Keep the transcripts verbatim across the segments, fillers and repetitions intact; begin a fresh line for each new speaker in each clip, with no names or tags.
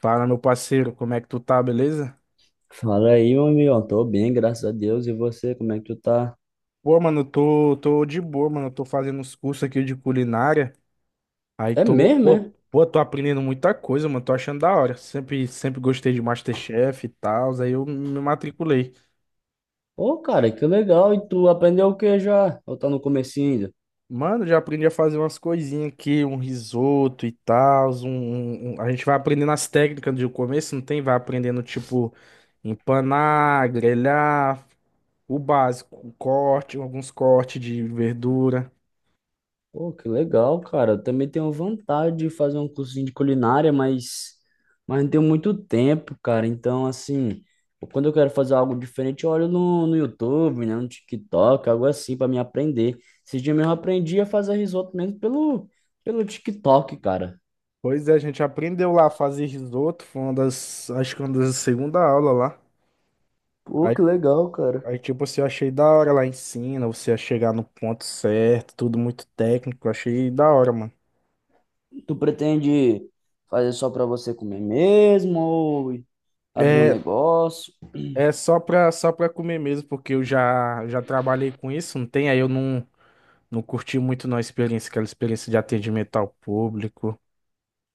Fala, meu parceiro, como é que tu tá, beleza?
Fala aí, meu amigo. Tô bem, graças a Deus. E você, como é que tu tá?
Pô, mano, tô, tô de boa, mano. Tô fazendo uns cursos aqui de culinária. Aí
É
tô,
mesmo,
pô,
é?
pô, tô aprendendo muita coisa, mano. Tô achando da hora. Sempre, sempre gostei de MasterChef e tal. Aí eu me matriculei.
Ô, cara, que legal. E tu aprendeu o que já? Ou tá no comecinho ainda?
Mano, já aprendi a fazer umas coisinhas aqui, um risoto e tal. Um, um- um, a gente vai aprendendo as técnicas do começo, não tem? Vai aprendendo, tipo, empanar, grelhar, o básico, o corte, alguns cortes de verdura.
Pô, que legal, cara. Eu também tenho vontade de fazer um cursinho de culinária, mas, mas não tenho muito tempo, cara. Então, assim, quando eu quero fazer algo diferente, eu olho no, no YouTube, né? No TikTok, algo assim, pra me aprender. Esse dia mesmo eu aprendi a fazer risoto mesmo pelo, pelo TikTok, cara.
Pois é, a gente aprendeu lá a fazer risoto, foi uma das, acho que uma das segunda aula lá.
Pô,
Aí,
que legal, cara.
aí tipo, assim, eu achei da hora lá ensina, você a chegar no ponto certo, tudo muito técnico, achei da hora, mano.
Tu pretende fazer só pra você comer mesmo ou abrir um
É,
negócio?
é só pra, só pra comer mesmo, porque eu já, já trabalhei com isso, não tem? Aí eu não, não curti muito não a experiência, aquela experiência de atendimento ao público.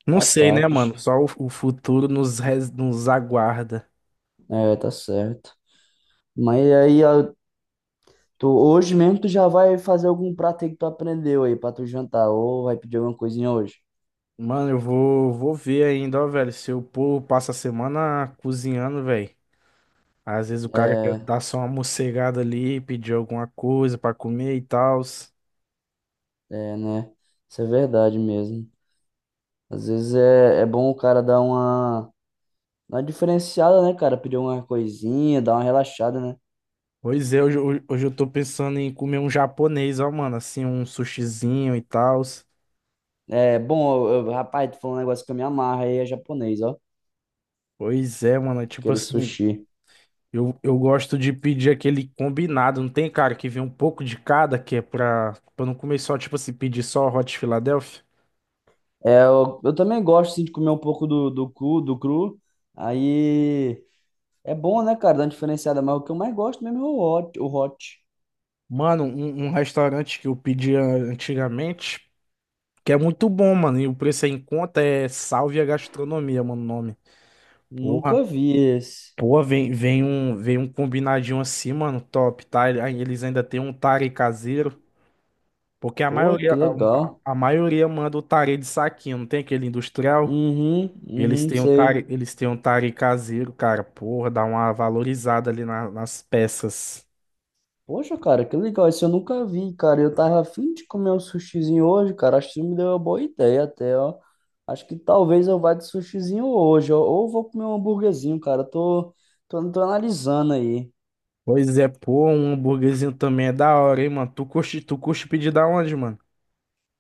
Não sei, né,
Ataques.
mano? Só o, o futuro nos, res- nos aguarda.
É, tá certo. Mas aí a- tu, hoje mesmo tu já vai fazer algum prato aí que tu aprendeu aí pra tu jantar ou vai pedir alguma coisinha hoje?
Mano, eu vou, vou ver ainda, ó, velho. Se o povo passa a semana cozinhando, velho. Às vezes o cara quer
É,
dar só uma mocegada ali, pedir alguma coisa pra comer e tal.
é, né? Isso é verdade mesmo. Às vezes é, é bom o cara dar uma, uma diferenciada, né, cara? Pedir uma coisinha, dar uma relaxada, né?
Pois é, hoje, hoje hoje eu tô pensando em comer um japonês, ó, mano. Assim, um sushizinho e tal.
É bom, eu- eu- rapaz, tu falou um negócio que eu me amarro aí, é japonês, ó.
Pois é, mano. é Tipo
Aquele
assim,
sushi.
eu, eu gosto de pedir aquele combinado, não tem, cara, que vem um pouco de cada, que é pra, pra não comer só, tipo assim, pedir só Hot Philadelphia.
É, eu, eu também gosto assim, de comer um pouco do, do cru, do cru. Aí é bom, né, cara? Dá uma diferenciada, mas o que eu mais gosto mesmo é o hot, o hot.
Mano, um, um restaurante que eu pedia antigamente. Que é muito bom, mano. E o preço é em conta, é Salve a Gastronomia, mano, o nome.
Nunca
Porra.
vi esse.
Porra, vem, vem um, vem um combinadinho assim, mano, top, tá? Ele- aí Eles ainda tem um tare caseiro, porque a
Pô,
maioria,
que
a, a-
legal.
a maioria manda o tare de saquinho, não tem aquele industrial?
Uhum,
Eles
uhum,
têm um
sei.
tare, eles têm um tare caseiro, cara, porra, dá uma valorizada ali na- nas peças.
Poxa, cara, que legal. Esse eu nunca vi, cara. Eu tava afim de comer um sushizinho hoje, cara. Acho que isso me deu uma boa ideia até, ó. Acho que talvez eu vá de sushizinho hoje, ó. Ou vou comer um hambúrguerzinho, cara. Tô, tô, tô analisando aí.
Pois é, pô, um hambúrguerzinho também é da hora, hein, mano? Tu curte, tu curte pedir da onde, mano?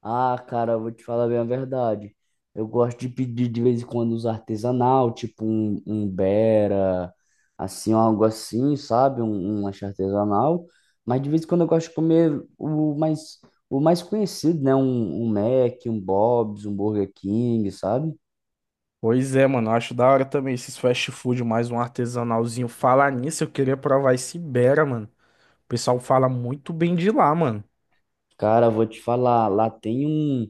Ah, cara, eu vou te falar bem a verdade. Eu gosto de pedir de vez em quando os artesanal, tipo um, um Bera, assim, um algo assim, sabe? Um, um lanche artesanal. Mas de vez em quando eu gosto de comer o mais, o mais conhecido, né? Um, um Mac, um Bob's, um Burger King, sabe?
Pois é, mano, eu acho da hora também esses fast food, mais um artesanalzinho. Falar nisso, eu queria provar esse Ibera, mano. O pessoal fala muito bem de lá, mano.
Cara, eu vou te falar, lá tem um,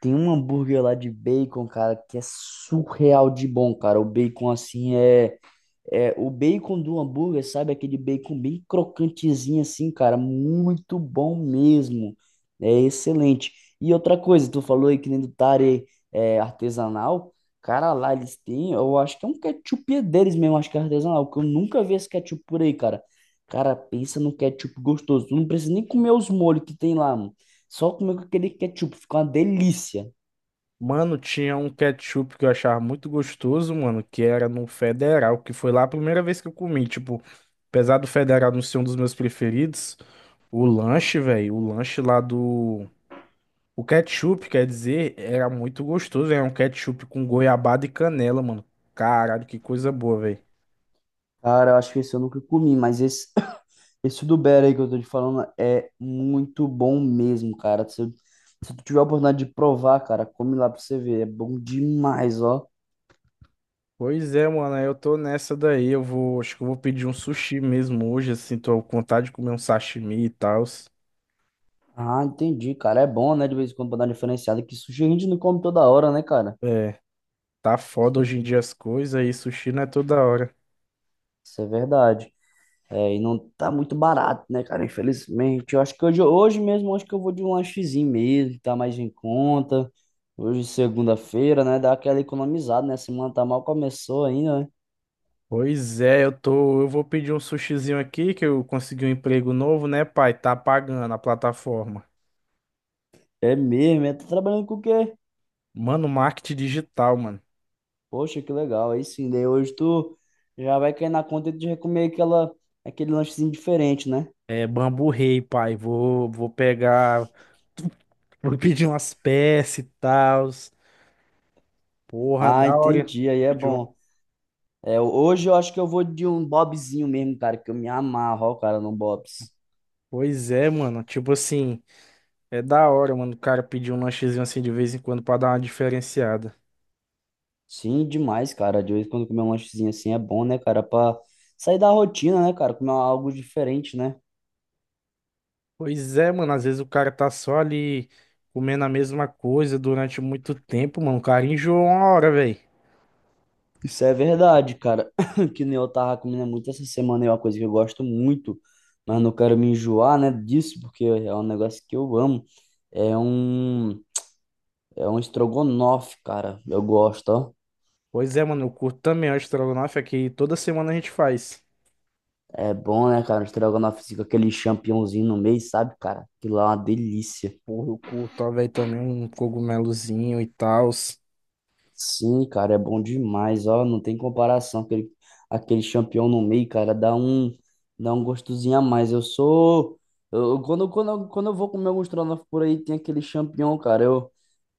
tem um hambúrguer lá de bacon, cara, que é surreal de bom, cara. O bacon, assim, é. É, o bacon do hambúrguer, sabe? Aquele bacon bem crocantezinho assim, cara. Muito bom mesmo. É excelente. E outra coisa, tu falou aí que nem do tare é, artesanal. Cara, lá eles têm, eu acho que é um ketchup deles mesmo, acho que é artesanal, porque eu nunca vi esse ketchup por aí, cara. Cara, pensa no ketchup gostoso. Tu não precisa nem comer os molhos que tem lá, mano. Só comer com aquele ketchup, fica uma delícia.
Mano, tinha um ketchup que eu achava muito gostoso, mano, que era no Federal, que foi lá a primeira vez que eu comi. Tipo, apesar do Federal não ser um dos meus preferidos, o lanche, velho, o lanche lá do. O ketchup, quer dizer, era muito gostoso. Era um ketchup com goiabada e canela, mano. Caralho, que coisa boa, velho.
Cara, eu acho que esse eu nunca comi, mas esse esse do Bear aí que eu tô te falando é muito bom mesmo, cara. Se, se tu tiver a oportunidade de provar, cara, come lá pra você ver. É bom demais, ó.
Pois é, mano, eu tô nessa daí. Eu vou, acho que eu vou pedir um sushi mesmo hoje, assim, tô com vontade de comer um sashimi e tal.
Ah, entendi, cara. É bom, né? De vez em quando pra dar uma diferenciada, que sushi a gente não come toda hora, né, cara?
É, tá
Isso,
foda
é,
hoje em dia as coisas e sushi não é toda hora.
isso é verdade. É, e não tá muito barato, né, cara? Infelizmente. Eu acho que hoje, hoje mesmo, eu acho que eu vou de um lanchezinho mesmo, tá mais em conta. Hoje, segunda-feira, né? Dá aquela economizada, né? Semana tá mal começou ainda, né?
Pois é, eu tô, eu vou pedir um sushizinho aqui que eu consegui um emprego novo, né, pai? Tá pagando a plataforma.
É mesmo, é. Tá trabalhando com o quê?
Mano, marketing digital, mano.
Poxa, que legal. Aí sim, daí hoje tu já vai cair na conta de comer aquela, aquele lanchezinho diferente, né?
É Bambu Rei, pai. Vou, vou pegar, vou pedir umas peças e tal. Porra,
Ah,
da hora.
entendi. Aí é
Pedir um.
bom. É, hoje eu acho que eu vou de um Bobzinho mesmo, cara, que eu me amarro, ó, cara, no Bob's.
Pois é, mano, tipo assim. É da hora, mano, o cara pedir um lanchezinho assim de vez em quando pra dar uma diferenciada.
Sim, demais, cara. De vez em quando comer um lanchezinho assim é bom, né, cara? Pra sair da rotina, né, cara? Comer algo diferente, né?
Pois é, mano, às vezes o cara tá só ali comendo a mesma coisa durante muito tempo, mano. O cara enjoa uma hora, velho.
Isso é verdade, cara. Que nem eu tava comendo muito essa semana, é uma coisa que eu gosto muito, mas não quero me enjoar, né, disso, porque é um negócio que eu amo. É um é um estrogonofe, cara. Eu gosto, ó.
Pois é, mano, eu curto também o estrogonofe, é que toda semana a gente faz.
É bom, né, cara? Um estrogonofe assim, com aquele champignonzinho no meio, sabe, cara? Aquilo lá é uma delícia.
Porra, eu curto, ó, velho, também um cogumelozinho e tal.
Sim, cara, é bom demais, ó, não tem comparação, aquele, aquele champignon no meio, cara, dá um, dá um gostosinho a mais, eu sou, eu, quando, quando, eu- quando eu vou comer alguns estrogonofe por aí, tem aquele champignon, cara, eu,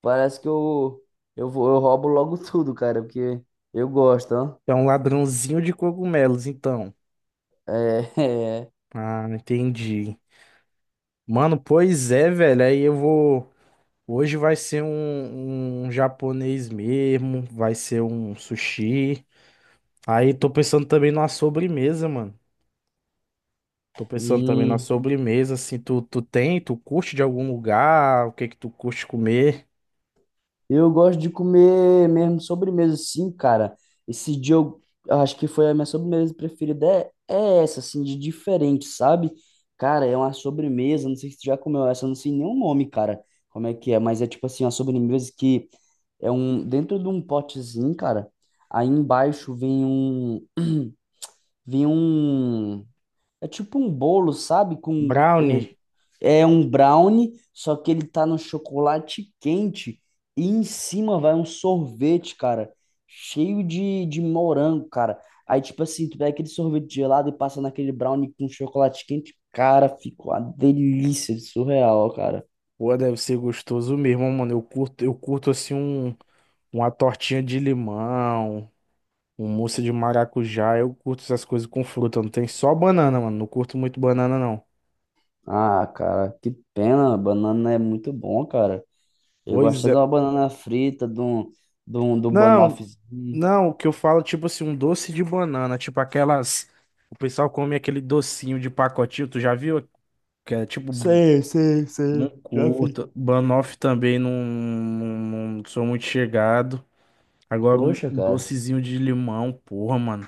parece que eu, eu vou, eu roubo logo tudo, cara, porque eu gosto, ó,
É um ladrãozinho de cogumelos, então.
é, é.
Ah, entendi. Mano, pois é, velho, aí eu vou. Hoje vai ser um, um japonês mesmo, vai ser um sushi. Aí tô pensando também numa sobremesa, mano. Tô pensando também na
Hum.
sobremesa, assim, tu, tu tem, tu curte de algum lugar, o que que tu curte comer?
Eu gosto de comer mesmo sobremesa, sim, cara. Esse dia eu eu acho que foi a minha sobremesa preferida. É, é essa, assim, de diferente, sabe? Cara, é uma sobremesa. Não sei se tu já comeu essa, eu não sei nem o nome, cara. Como é que é? Mas é tipo assim, uma sobremesa que é um. Dentro de um potezinho, cara. Aí embaixo vem um. Vem um. É tipo um bolo, sabe? Com re-
Brownie,
é um brownie, só que ele tá no chocolate quente e em cima vai um sorvete, cara, cheio de, de morango, cara. Aí tipo assim, tu pega aquele sorvete gelado e passa naquele brownie com chocolate quente, cara, fica uma delícia de surreal, cara.
pô, deve ser gostoso mesmo, mano. Eu curto, eu curto assim um, uma tortinha de limão, um mousse de maracujá, eu curto essas coisas com fruta, não tem só banana, mano. Não curto muito banana, não.
Ah, cara, que pena, banana é muito bom, cara. Eu
Pois
gosto de
é.
uma banana frita, de um, de um, de um
Não,
banoffezinho.
Não, o que eu falo, tipo assim, um doce de banana, tipo aquelas. O pessoal come aquele docinho de pacotinho, tu já viu? Que é tipo,
Sei, sei,
não
sei, já vi.
curto. Banoffee também não, não, não sou muito chegado. Agora um
Poxa, cara.
docezinho de limão, porra, mano,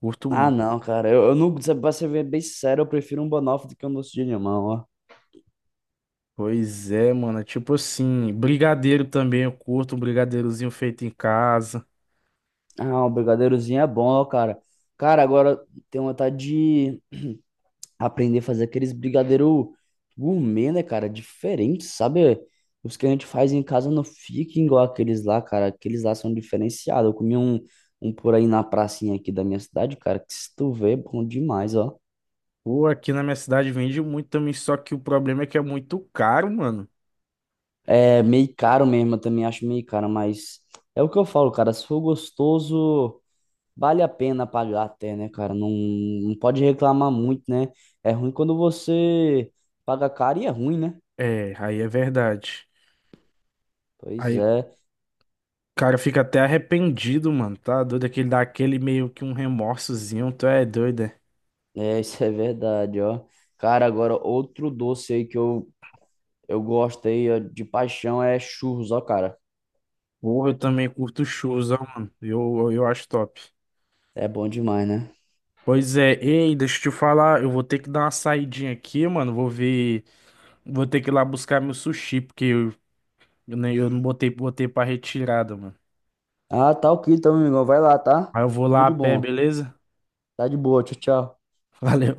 curto
Ah,
muito.
não, cara. Eu, eu não, pra ser bem bem sincero, eu prefiro um banoffee do que um doce de limão, ó.
Pois é, mano, é tipo assim, brigadeiro também eu curto, um brigadeirozinho feito em casa.
Ah, um brigadeirozinho é bom, ó, cara. Cara, agora tenho vontade de aprender a fazer aqueles brigadeiro gourmet, né, cara? Diferente, sabe? Os que a gente faz em casa não ficam igual aqueles lá, cara. Aqueles lá são diferenciados. Eu comi um, um por aí na pracinha aqui da minha cidade, cara, que se tu vê, é bom demais, ó.
Pô, aqui na minha cidade vende muito também, só que o problema é que é muito caro, mano.
É meio caro mesmo, eu também acho meio caro, mas é o que eu falo, cara. Se for gostoso. Vale a pena pagar até, né, cara? Não, não pode reclamar muito, né? É ruim quando você paga caro e é ruim, né?
É, aí é verdade.
Pois
Aí
é,
Cara, fica até arrependido, mano. Tá doido? Aquele dá aquele meio que um remorsozinho. Tu é doido, é?
é, isso é verdade, ó. Cara, agora outro doce aí que eu, eu gosto aí, ó, de paixão é churros, ó, cara.
Porra, eu também curto shows, ó, mano. Eu, eu, eu acho top.
É bom demais, né?
Pois é, ei, deixa eu te falar. Eu vou ter que dar uma saidinha aqui, mano. Vou ver. Vou ter que ir lá buscar meu sushi, porque eu, eu, nem- eu não botei, botei pra retirada, mano.
Ah, tá ok, então, meu amigão. Vai lá, tá?
Aí eu vou
Tudo
lá a
de
pé,
bom.
beleza?
Tá de boa, tchau, tchau.
Valeu.